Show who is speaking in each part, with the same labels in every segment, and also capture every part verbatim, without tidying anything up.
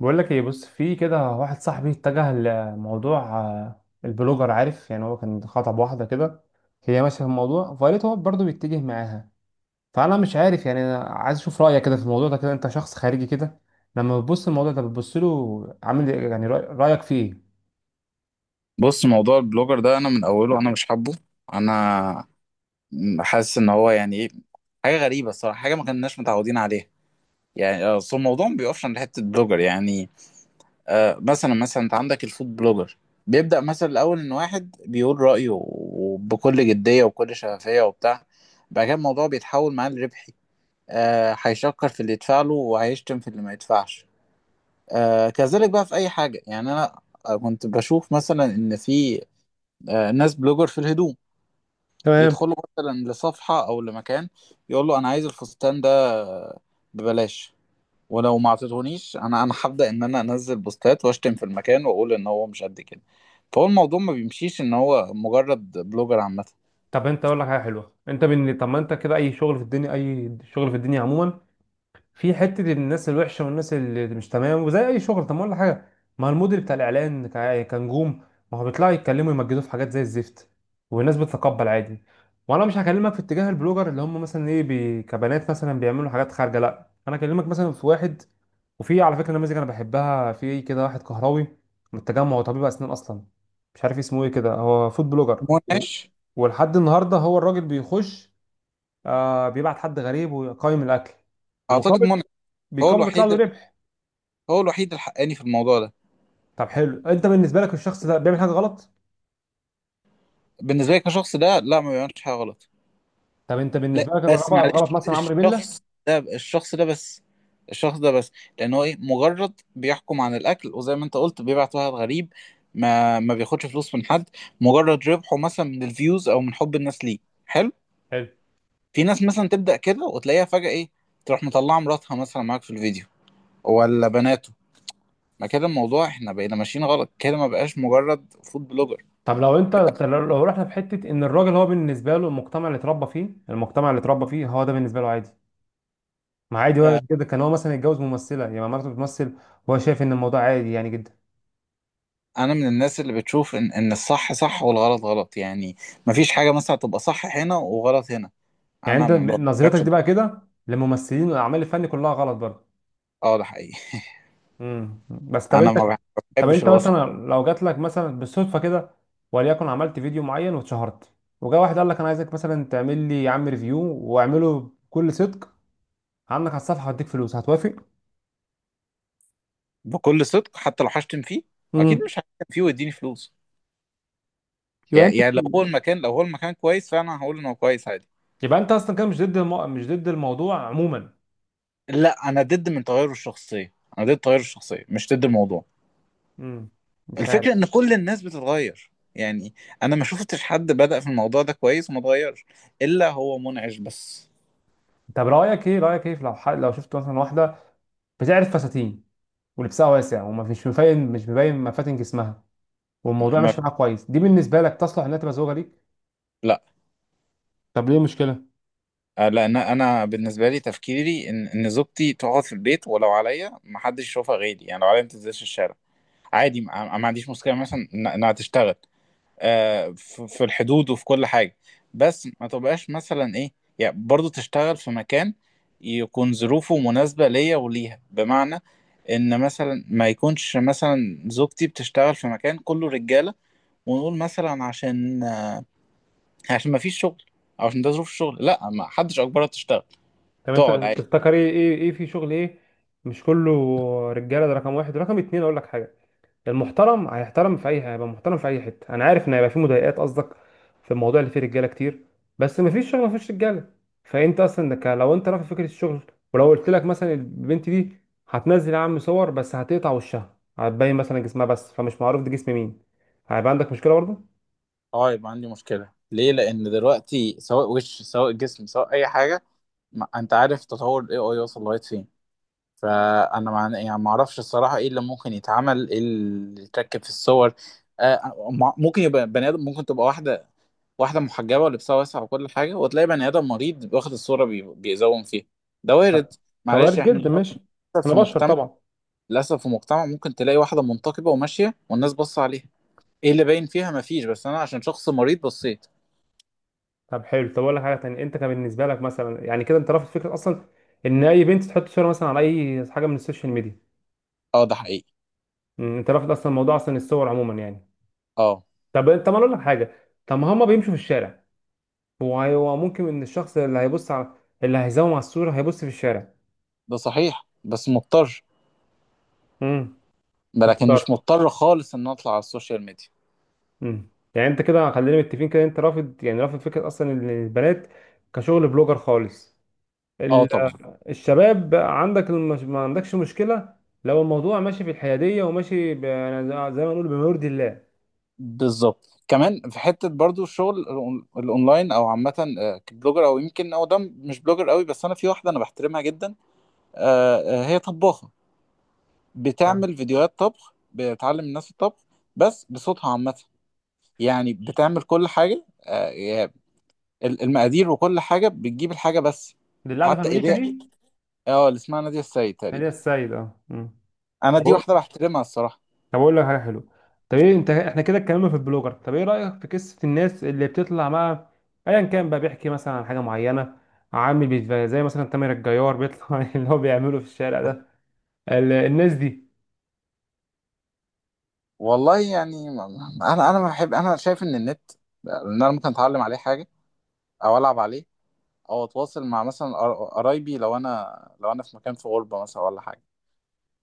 Speaker 1: بقول لك ايه؟ بص، في كده واحد صاحبي اتجه لموضوع آه، البلوجر، عارف؟ يعني هو كان خطب واحده كده، هي ماشيه في الموضوع، فقالت هو برضه بيتجه معاها. فانا مش عارف، يعني انا عايز اشوف رايك كده في الموضوع ده، كده انت شخص خارجي كده، لما بتبص الموضوع ده بتبص له عامل إيه؟ يعني رأي- رايك فيه ايه؟
Speaker 2: بص، موضوع البلوجر ده انا من اوله، انا مش حابه. انا حاسس ان هو يعني ايه، حاجه غريبه الصراحه، حاجه ما كناش متعودين عليها. يعني آه، اصل الموضوع ما بيقفش عند حته بلوجر يعني. آه مثلا مثلا انت عندك الفود بلوجر. بيبدا مثلا الاول ان واحد بيقول رايه، وبكل جديه وبكل شفافيه وبتاع. بعد كده الموضوع بيتحول معاه لربحي. آه هيشكر في اللي يدفع له وهيشتم في اللي ما يدفعش. آه كذلك بقى في اي حاجه. يعني انا آه، كنت بشوف مثلا ان في آه ناس بلوجر في الهدوم.
Speaker 1: تمام.
Speaker 2: يدخله مثلا لصفحة أو لمكان، يقول له أنا عايز الفستان ده ببلاش. ولو ما اعطيتهونيش، أنا أنا هبدأ إن أنا أنزل بوستات وأشتم في المكان وأقول إن هو مش قد كده. فهو الموضوع ما بيمشيش إن هو مجرد بلوجر عامة.
Speaker 1: طب انت اقول لك حاجه حلوه، انت بن... طب ما انت كده اي شغل في الدنيا، اي شغل في الدنيا عموما في حته الناس الوحشه والناس اللي مش تمام، وزي اي شغل، طب ما اقول لك حاجه، ما المدير بتاع الاعلان ك- كنجوم، ما هو بيطلعوا يتكلموا يمجدوه في حاجات زي الزفت، والناس بتتقبل عادي. وانا مش هكلمك في اتجاه البلوجر اللي هم مثلا ايه بي... كبنات مثلا بيعملوا حاجات خارجه، لا، انا اكلمك مثلا في واحد. وفي على فكره نماذج انا بحبها في كده، واحد كهراوي من التجمع، هو طبيب اسنان اصلا، مش عارف اسمه ايه كده، هو فود بلوجر و...
Speaker 2: منعش.
Speaker 1: ولحد النهارده هو الراجل بيخش، آه، بيبعت حد غريب ويقيم الاكل،
Speaker 2: أعتقد
Speaker 1: ومقابل
Speaker 2: منعش. هو
Speaker 1: بيكون بيطلع له
Speaker 2: الوحيد
Speaker 1: ربح.
Speaker 2: هو الوحيد الحقاني في الموضوع ده.
Speaker 1: طب حلو، انت بالنسبه لك الشخص ده بيعمل حاجه غلط؟
Speaker 2: بالنسبة لي كشخص ده، لا، ما بيعملش حاجة غلط.
Speaker 1: طب انت
Speaker 2: لا
Speaker 1: بالنسبه لك الغلط،
Speaker 2: بس معلش،
Speaker 1: الغلط مثلا عمرو بيلا.
Speaker 2: الشخص ده الشخص ده بس الشخص ده بس، لان هو ايه مجرد بيحكم عن الاكل، وزي ما انت قلت بيبعت واحد غريب. ما ما بياخدش فلوس من حد، مجرد ربحه مثلا من الفيوز او من حب الناس ليه. حلو.
Speaker 1: حلو.
Speaker 2: في ناس مثلا تبدا كده وتلاقيها فجاه ايه، تروح مطلعه مراتها مثلا معاك في الفيديو ولا بناته. ما كده الموضوع احنا بقينا ماشيين غلط كده، ما بقاش مجرد فود بلوجر.
Speaker 1: طب لو انت، لو لو رحنا في حته ان الراجل هو بالنسبه له المجتمع اللي اتربى فيه، المجتمع اللي اتربى فيه هو ده بالنسبه له عادي، ما عادي، هو
Speaker 2: آه،
Speaker 1: كده كان هو مثلا يتجوز ممثله، يعني مراته بتمثل، وهو شايف ان الموضوع عادي يعني جدا.
Speaker 2: انا من الناس اللي بتشوف ان ان الصح صح والغلط غلط يعني. مفيش حاجه مثلا تبقى صح هنا وغلط هنا.
Speaker 1: يعني
Speaker 2: انا
Speaker 1: انت ب-
Speaker 2: ما
Speaker 1: نظرتك
Speaker 2: بحبش.
Speaker 1: دي بقى كده للممثلين والاعمال الفني كلها غلط برضه؟
Speaker 2: اه ده حقيقي.
Speaker 1: امم بس طب
Speaker 2: انا
Speaker 1: انت
Speaker 2: ما
Speaker 1: طب
Speaker 2: بحبش
Speaker 1: انت
Speaker 2: الوسط.
Speaker 1: مثلا لو جات لك مثلا بالصدفه كده، وليكن عملت فيديو معين واتشهرت، وجا واحد قال لك انا عايزك مثلا تعمل لي يا عم ريفيو، واعمله بكل صدق عنك على الصفحه واديك فلوس، هتوافق؟
Speaker 2: بكل صدق حتى لو هشتم فيه. اكيد
Speaker 1: امم
Speaker 2: مش هشتم فيه ويديني فلوس.
Speaker 1: يبقى انت
Speaker 2: يعني يعني لو هو المكان لو هو المكان كويس فانا هقول ان هو كويس، عادي.
Speaker 1: يبقى انت اصلا كده مش ضد المو... مش ضد الموضوع عموما؟
Speaker 2: لا، انا ضد من تغير الشخصيه، انا ضد تغير الشخصيه، مش ضد الموضوع.
Speaker 1: امم مش عارف.
Speaker 2: الفكره ان كل الناس بتتغير يعني. انا ما شفتش حد بدأ في الموضوع ده كويس وما اتغيرش، الا هو منعش بس.
Speaker 1: طب رايك ايه، رايك ايه في لو حد... لو شفت مثلا واحده بتعرف فساتين ولبسها واسع وما فيش مبين مش مبين مفاتن جسمها، والموضوع
Speaker 2: ما
Speaker 1: ماشي معاها كويس، دي بالنسبه لك تصلح انها تبقى زوجه ليك؟
Speaker 2: لا.
Speaker 1: طب ليه مشكله؟
Speaker 2: آه، لان انا بالنسبه لي تفكيري ان ان زوجتي تقعد في البيت، ولو عليا ما حدش يشوفها غيري. يعني لو عليا ما تنزلش الشارع. عادي، ما ما عنديش مشكله مثلا إن- انها تشتغل، آه، في في الحدود وفي كل حاجه. بس ما تبقاش مثلا ايه، يعني برضو تشتغل في مكان يكون ظروفه مناسبه ليا وليها. بمعنى ان مثلا ما يكونش مثلا زوجتي بتشتغل في مكان كله رجاله، ونقول مثلا عشان عشان ما فيش شغل، أو عشان ده ظروف الشغل. لا، ما حدش اجبرها تشتغل،
Speaker 1: طب انت
Speaker 2: تقعد عادي.
Speaker 1: تفتكر ايه ايه ايه في شغل ايه مش كله رجاله؟ ده رقم واحد. رقم اتنين، اقول لك حاجه، المحترم هيحترم في اي، هيبقى محترم في اي حته. انا عارف ان هيبقى في مضايقات قصدك في الموضوع اللي فيه رجاله كتير، بس مفيش شغل مفيش رجاله. فانت اصلا ك- لو انت رافض فكره الشغل، ولو قلت لك مثلا البنت دي هتنزل يا عم صور، بس هتقطع وشها، هتبين مثلا جسمها بس فمش معروف ده جسم مين، هيبقى عندك مشكله برضه؟
Speaker 2: اه، يبقى عندي مشكلة. ليه؟ لأن دلوقتي سواء وش سواء جسم سواء أي حاجة، ما أنت عارف تطور ال إيه آي وصل لغاية فين. فأنا مع... يعني ما أعرفش الصراحة إيه اللي ممكن يتعمل، إيه اللي يتركب في الصور. آه مع- ممكن يبقى بني آدم، ممكن تبقى واحدة واحدة محجبة ولبسها واسع وكل حاجة، وتلاقي بني آدم مريض واخد الصورة بي... بيزوم فيها. ده
Speaker 1: لا.
Speaker 2: وارد.
Speaker 1: كوارث
Speaker 2: معلش إحنا
Speaker 1: جدا، ماشي،
Speaker 2: للأسف،
Speaker 1: انا
Speaker 2: في
Speaker 1: بشر
Speaker 2: مجتمع
Speaker 1: طبعا.
Speaker 2: للأسف في مجتمع ممكن تلاقي واحدة منتقبة وماشية والناس باصة عليها إيه اللي باين فيها؟ مفيش، بس أنا عشان شخص مريض بصيت.
Speaker 1: طب حلو، طب اقول لك حاجه تانية، انت كان بالنسبه لك مثلا، يعني كده انت رافض فكره اصلا ان اي بنت تحط صوره مثلا على اي حاجه من السوشيال ميديا؟
Speaker 2: اه ده حقيقي.
Speaker 1: أمم، انت رافض اصلا موضوع اصلا الصور عموما يعني؟
Speaker 2: اه
Speaker 1: طب انت، ما اقول لك حاجه، طب ما هما بيمشوا في الشارع، هو هو ممكن ان الشخص اللي هيبص على، اللي هيزوم على الصوره هيبص في الشارع.
Speaker 2: ده صحيح، بس مضطر.
Speaker 1: امم
Speaker 2: لكن مش
Speaker 1: محتار.
Speaker 2: مضطر خالص ان اطلع على السوشيال ميديا.
Speaker 1: امم يعني انت كده خلينا متفقين كده، انت رافض، يعني رافض فكره اصلا ان البنات كشغل بلوجر خالص.
Speaker 2: اه
Speaker 1: ال-
Speaker 2: طبعا.
Speaker 1: الشباب بقى عندك المش... ما عندكش مشكلة لو الموضوع ماشي في الحيادية وماشي ب... يعني زي ما نقول بما يرضي الله.
Speaker 2: بالظبط. كمان في حته برضو الشغل الأون- الاونلاين او عامه. آه، كبلوجر او يمكن، او ده مش بلوجر قوي، بس انا في واحده انا بحترمها جدا. آه، آه، هي طباخه،
Speaker 1: آه.
Speaker 2: بتعمل فيديوهات طبخ، بتعلم الناس الطبخ بس بصوتها عامه. يعني بتعمل كل حاجه، آه، يعني ال- المقادير وكل حاجه، بتجيب الحاجه بس.
Speaker 1: دي اللي قاعدة في
Speaker 2: حتى
Speaker 1: أمريكا
Speaker 2: ايديها.
Speaker 1: دي.
Speaker 2: اه اللي اسمها نادية السيد
Speaker 1: نادية
Speaker 2: تقريبا.
Speaker 1: السيد، اه. مم.
Speaker 2: انا
Speaker 1: طب
Speaker 2: دي
Speaker 1: أقول
Speaker 2: واحده بحترمها الصراحه.
Speaker 1: طب أقول لك حاجة حلوة، طب إيه، أنت إحنا كده اتكلمنا في البلوجر، طب إيه رأيك في قصة الناس اللي بتطلع مع أيا كان بقى، بيحكي مثلا عن حاجة معينة، عامل بيتف- زي مثلا تامر الجيار بيطلع اللي هو بيعمله في الشارع ده، ال- الناس دي.
Speaker 2: والله يعني ما- ما- انا انا ما بحب. انا شايف ان النت، ان انا ممكن اتعلم عليه حاجه، او العب عليه، او اتواصل مع مثلا قر- قرايبي لو انا لو انا في مكان في غربه مثلا ولا حاجه.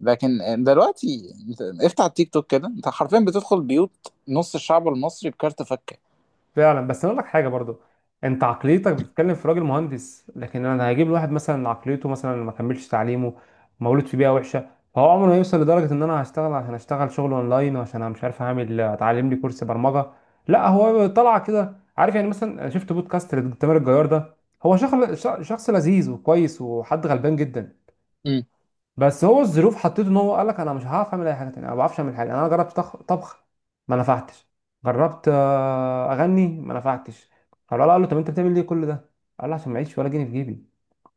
Speaker 2: لكن دلوقتي انت افتح التيك توك كده، انت حرفيا بتدخل بيوت نص الشعب المصري بكارت فكه.
Speaker 1: فعلا، بس انا اقول لك حاجه برضو، انت عقليتك بتتكلم في راجل مهندس، لكن انا هجيب لواحد مثلا عقليته مثلا ما كملش تعليمه، مولود في بيئه وحشه، فهو عمره ما هيوصل لدرجه ان انا هشتغل، عشان اشتغل شغل اونلاين، وعشان انا مش عارف اعمل، اتعلم لي كورس برمجه. لا هو طلع كده عارف، يعني مثلا أنا شفت بودكاست لتامر الجيار ده، هو شخص، شخص لذيذ وكويس وحد غلبان جدا، بس هو الظروف حطيته ان هو قال لك انا مش هعرف اعمل اي حاجه تانية، انا ما بعرفش اعمل حاجه، انا جربت طخ- طبخ ما نفعتش، جربت آه، اغني ما نفعتش، فالولد قال له طب انت بتعمل ليه كل ده، قال له عشان ما اعيش ولا جنيه في جيبي،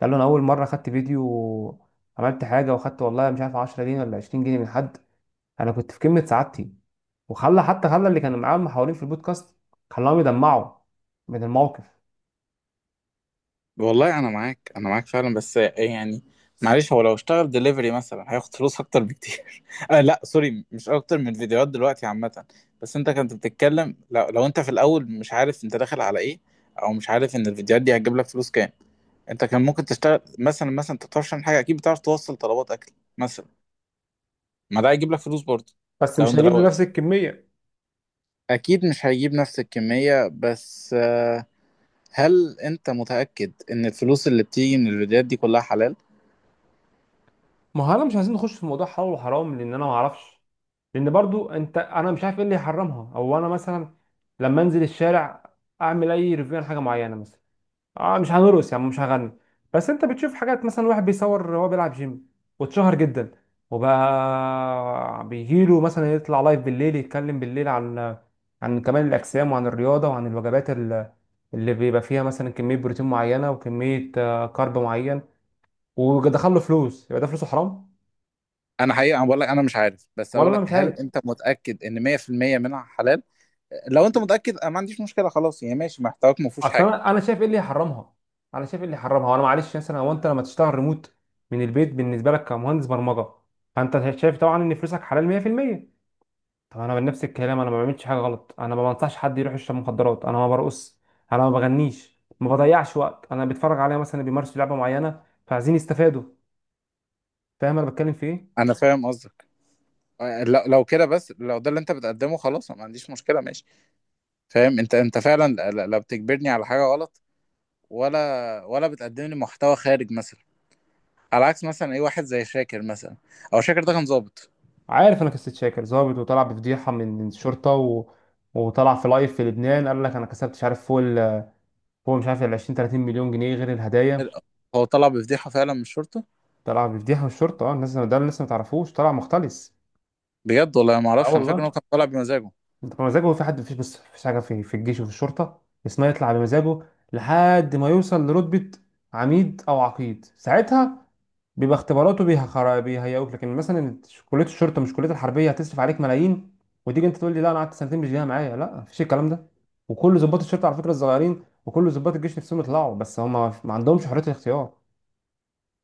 Speaker 1: قال له انا اول مره خدت فيديو، عملت حاجه وخدت والله مش عارف عشرة جنيه ولا عشرين جنيه من حد، انا كنت في قمه سعادتي، وخلى، حتى خلى اللي كانوا معاه محاورين في البودكاست، خلاهم يدمعوا من الموقف.
Speaker 2: والله انا معاك، انا معاك فعلا. بس يعني معلش، هو لو اشتغل دليفري مثلا هياخد فلوس اكتر بكتير. آه لا سوري، مش اكتر من الفيديوهات دلوقتي عامه. بس انت كنت بتتكلم، لو, لو انت في الاول مش عارف انت داخل على ايه، او مش عارف ان الفيديوهات دي هتجيب لك فلوس كام. انت كان ممكن تشتغل مثلا مثلا انت بتعرفش تعمل حاجه، اكيد بتعرف توصل طلبات اكل مثلا. ما ده هيجيب لك فلوس برضه.
Speaker 1: بس
Speaker 2: لو
Speaker 1: مش
Speaker 2: انت
Speaker 1: هجيب
Speaker 2: لو
Speaker 1: لنفس الكميه.
Speaker 2: اكيد مش هيجيب نفس الكميه، بس آه، هل انت متاكد ان الفلوس اللي بتيجي من الفيديوهات دي كلها حلال؟
Speaker 1: ما هو انا مش عايزين نخش في موضوع حلال وحرام، لان انا ما اعرفش، لان برضو انت، انا مش عارف ايه اللي يحرمها، او انا مثلا لما انزل الشارع اعمل اي ريفيو عن حاجه معينه مثلا، اه مش هنرقص يعني، مش هغني، بس انت بتشوف حاجات مثلا واحد بيصور وهو بيلعب جيم، واتشهر جدا، وبقى بيجيله مثلا يطلع لايف بالليل، يتكلم بالليل عن، عن كمال الاجسام وعن الرياضه وعن الوجبات ال- اللي بيبقى فيها مثلا كميه بروتين معينه وكميه آه، كارب معين، ودخل له فلوس، يبقى ده فلوسه حرام؟
Speaker 2: انا حقيقه انا بقول لك انا مش عارف، بس
Speaker 1: ولا
Speaker 2: اقول
Speaker 1: انا
Speaker 2: لك
Speaker 1: مش
Speaker 2: هل
Speaker 1: عارف.
Speaker 2: انت متاكد ان مية في المية منها حلال؟ لو انت متاكد انا ما عنديش مشكله خلاص يعني، ماشي محتواك ما فيهوش
Speaker 1: اصل
Speaker 2: حاجه.
Speaker 1: انا انا شايف ايه اللي يحرمها، انا شايف ايه اللي يحرمها، وانا معلش مثلا، هو انت لما تشتغل ريموت من البيت بالنسبه لك كمهندس برمجه، فانت شايف طبعا ان فلوسك حلال مية في المية. طب انا بنفس الكلام، انا ما بعملش حاجه غلط، انا ما بنصحش حد يروح يشرب مخدرات، انا ما برقص، انا ما بغنيش، ما بضيعش وقت، انا بتفرج عليا مثلا بيمارسوا لعبه معينه فعايزين يستفادوا، فاهم انا بتكلم في ايه؟
Speaker 2: انا فاهم قصدك. آه، لو لو كده بس، لو ده اللي انت بتقدمه خلاص أنا ما عنديش مشكله، ماشي. فاهم انت، انت فعلا لا لا بتجبرني على حاجه غلط، ولا ولا بتقدم لي محتوى خارج مثلا، على عكس مثلا اي واحد زي شاكر مثلا. او شاكر ده كان ظابط.
Speaker 1: عارف انا قصه شاكر ظابط، وطلع بفضيحه من الشرطه و... وطلع في لايف في لبنان قال لك انا كسبت مش عارف فوق ال... هو مش عارف ال عشرين تلاتين مليون جنيه غير الهدايا،
Speaker 2: هو طلع بفضيحه فعلا من الشرطه.
Speaker 1: طلع بيفضيح من الشرطة، اه، الناس ده اللي لسه ما تعرفوش، طلع مختلس.
Speaker 2: بجد والله ما
Speaker 1: اه
Speaker 2: اعرفش، انا فاكر ان
Speaker 1: والله.
Speaker 2: هو كان طالع بمزاجه.
Speaker 1: انت بمزاجه في حد؟ مفيش، بس مفيش حاجة في في الجيش وفي الشرطة اسمها يطلع بمزاجه، لحد ما يوصل لرتبة عميد أو عقيد، ساعتها بيبقى اختباراته بيها خرا- بيهيئوك، لكن مثلا كلية الشرطة مش كلية الحربية هتصرف عليك ملايين، وتيجي انت تقول لي لا انا قعدت سنتين مش جايه معايا، لا مفيش الكلام ده، وكل ضباط الشرطة على فكرة الصغيرين وكل ضباط الجيش نفسهم يطلعوا، بس هم ما عندهمش حرية الاختيار.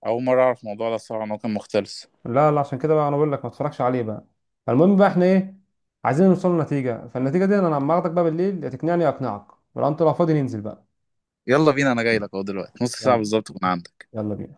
Speaker 2: اول مره اعرف الموضوع ده الصراحه ان هو كان مختلس.
Speaker 1: لا، لا، عشان كده بقى انا بقول لك ما تتفرجش عليه بقى. المهم بقى، احنا ايه؟ عايزين نوصل لنتيجة، فالنتيجة دي انا لما اخدك بقى بالليل، يا تقنعني يا اقنعك، ولو انت، لو فاضي ننزل بقى.
Speaker 2: يلا بينا، انا جاي لك اهو دلوقتي، نص ساعة
Speaker 1: يلا.
Speaker 2: بالظبط كنا عندك.
Speaker 1: يلا بينا.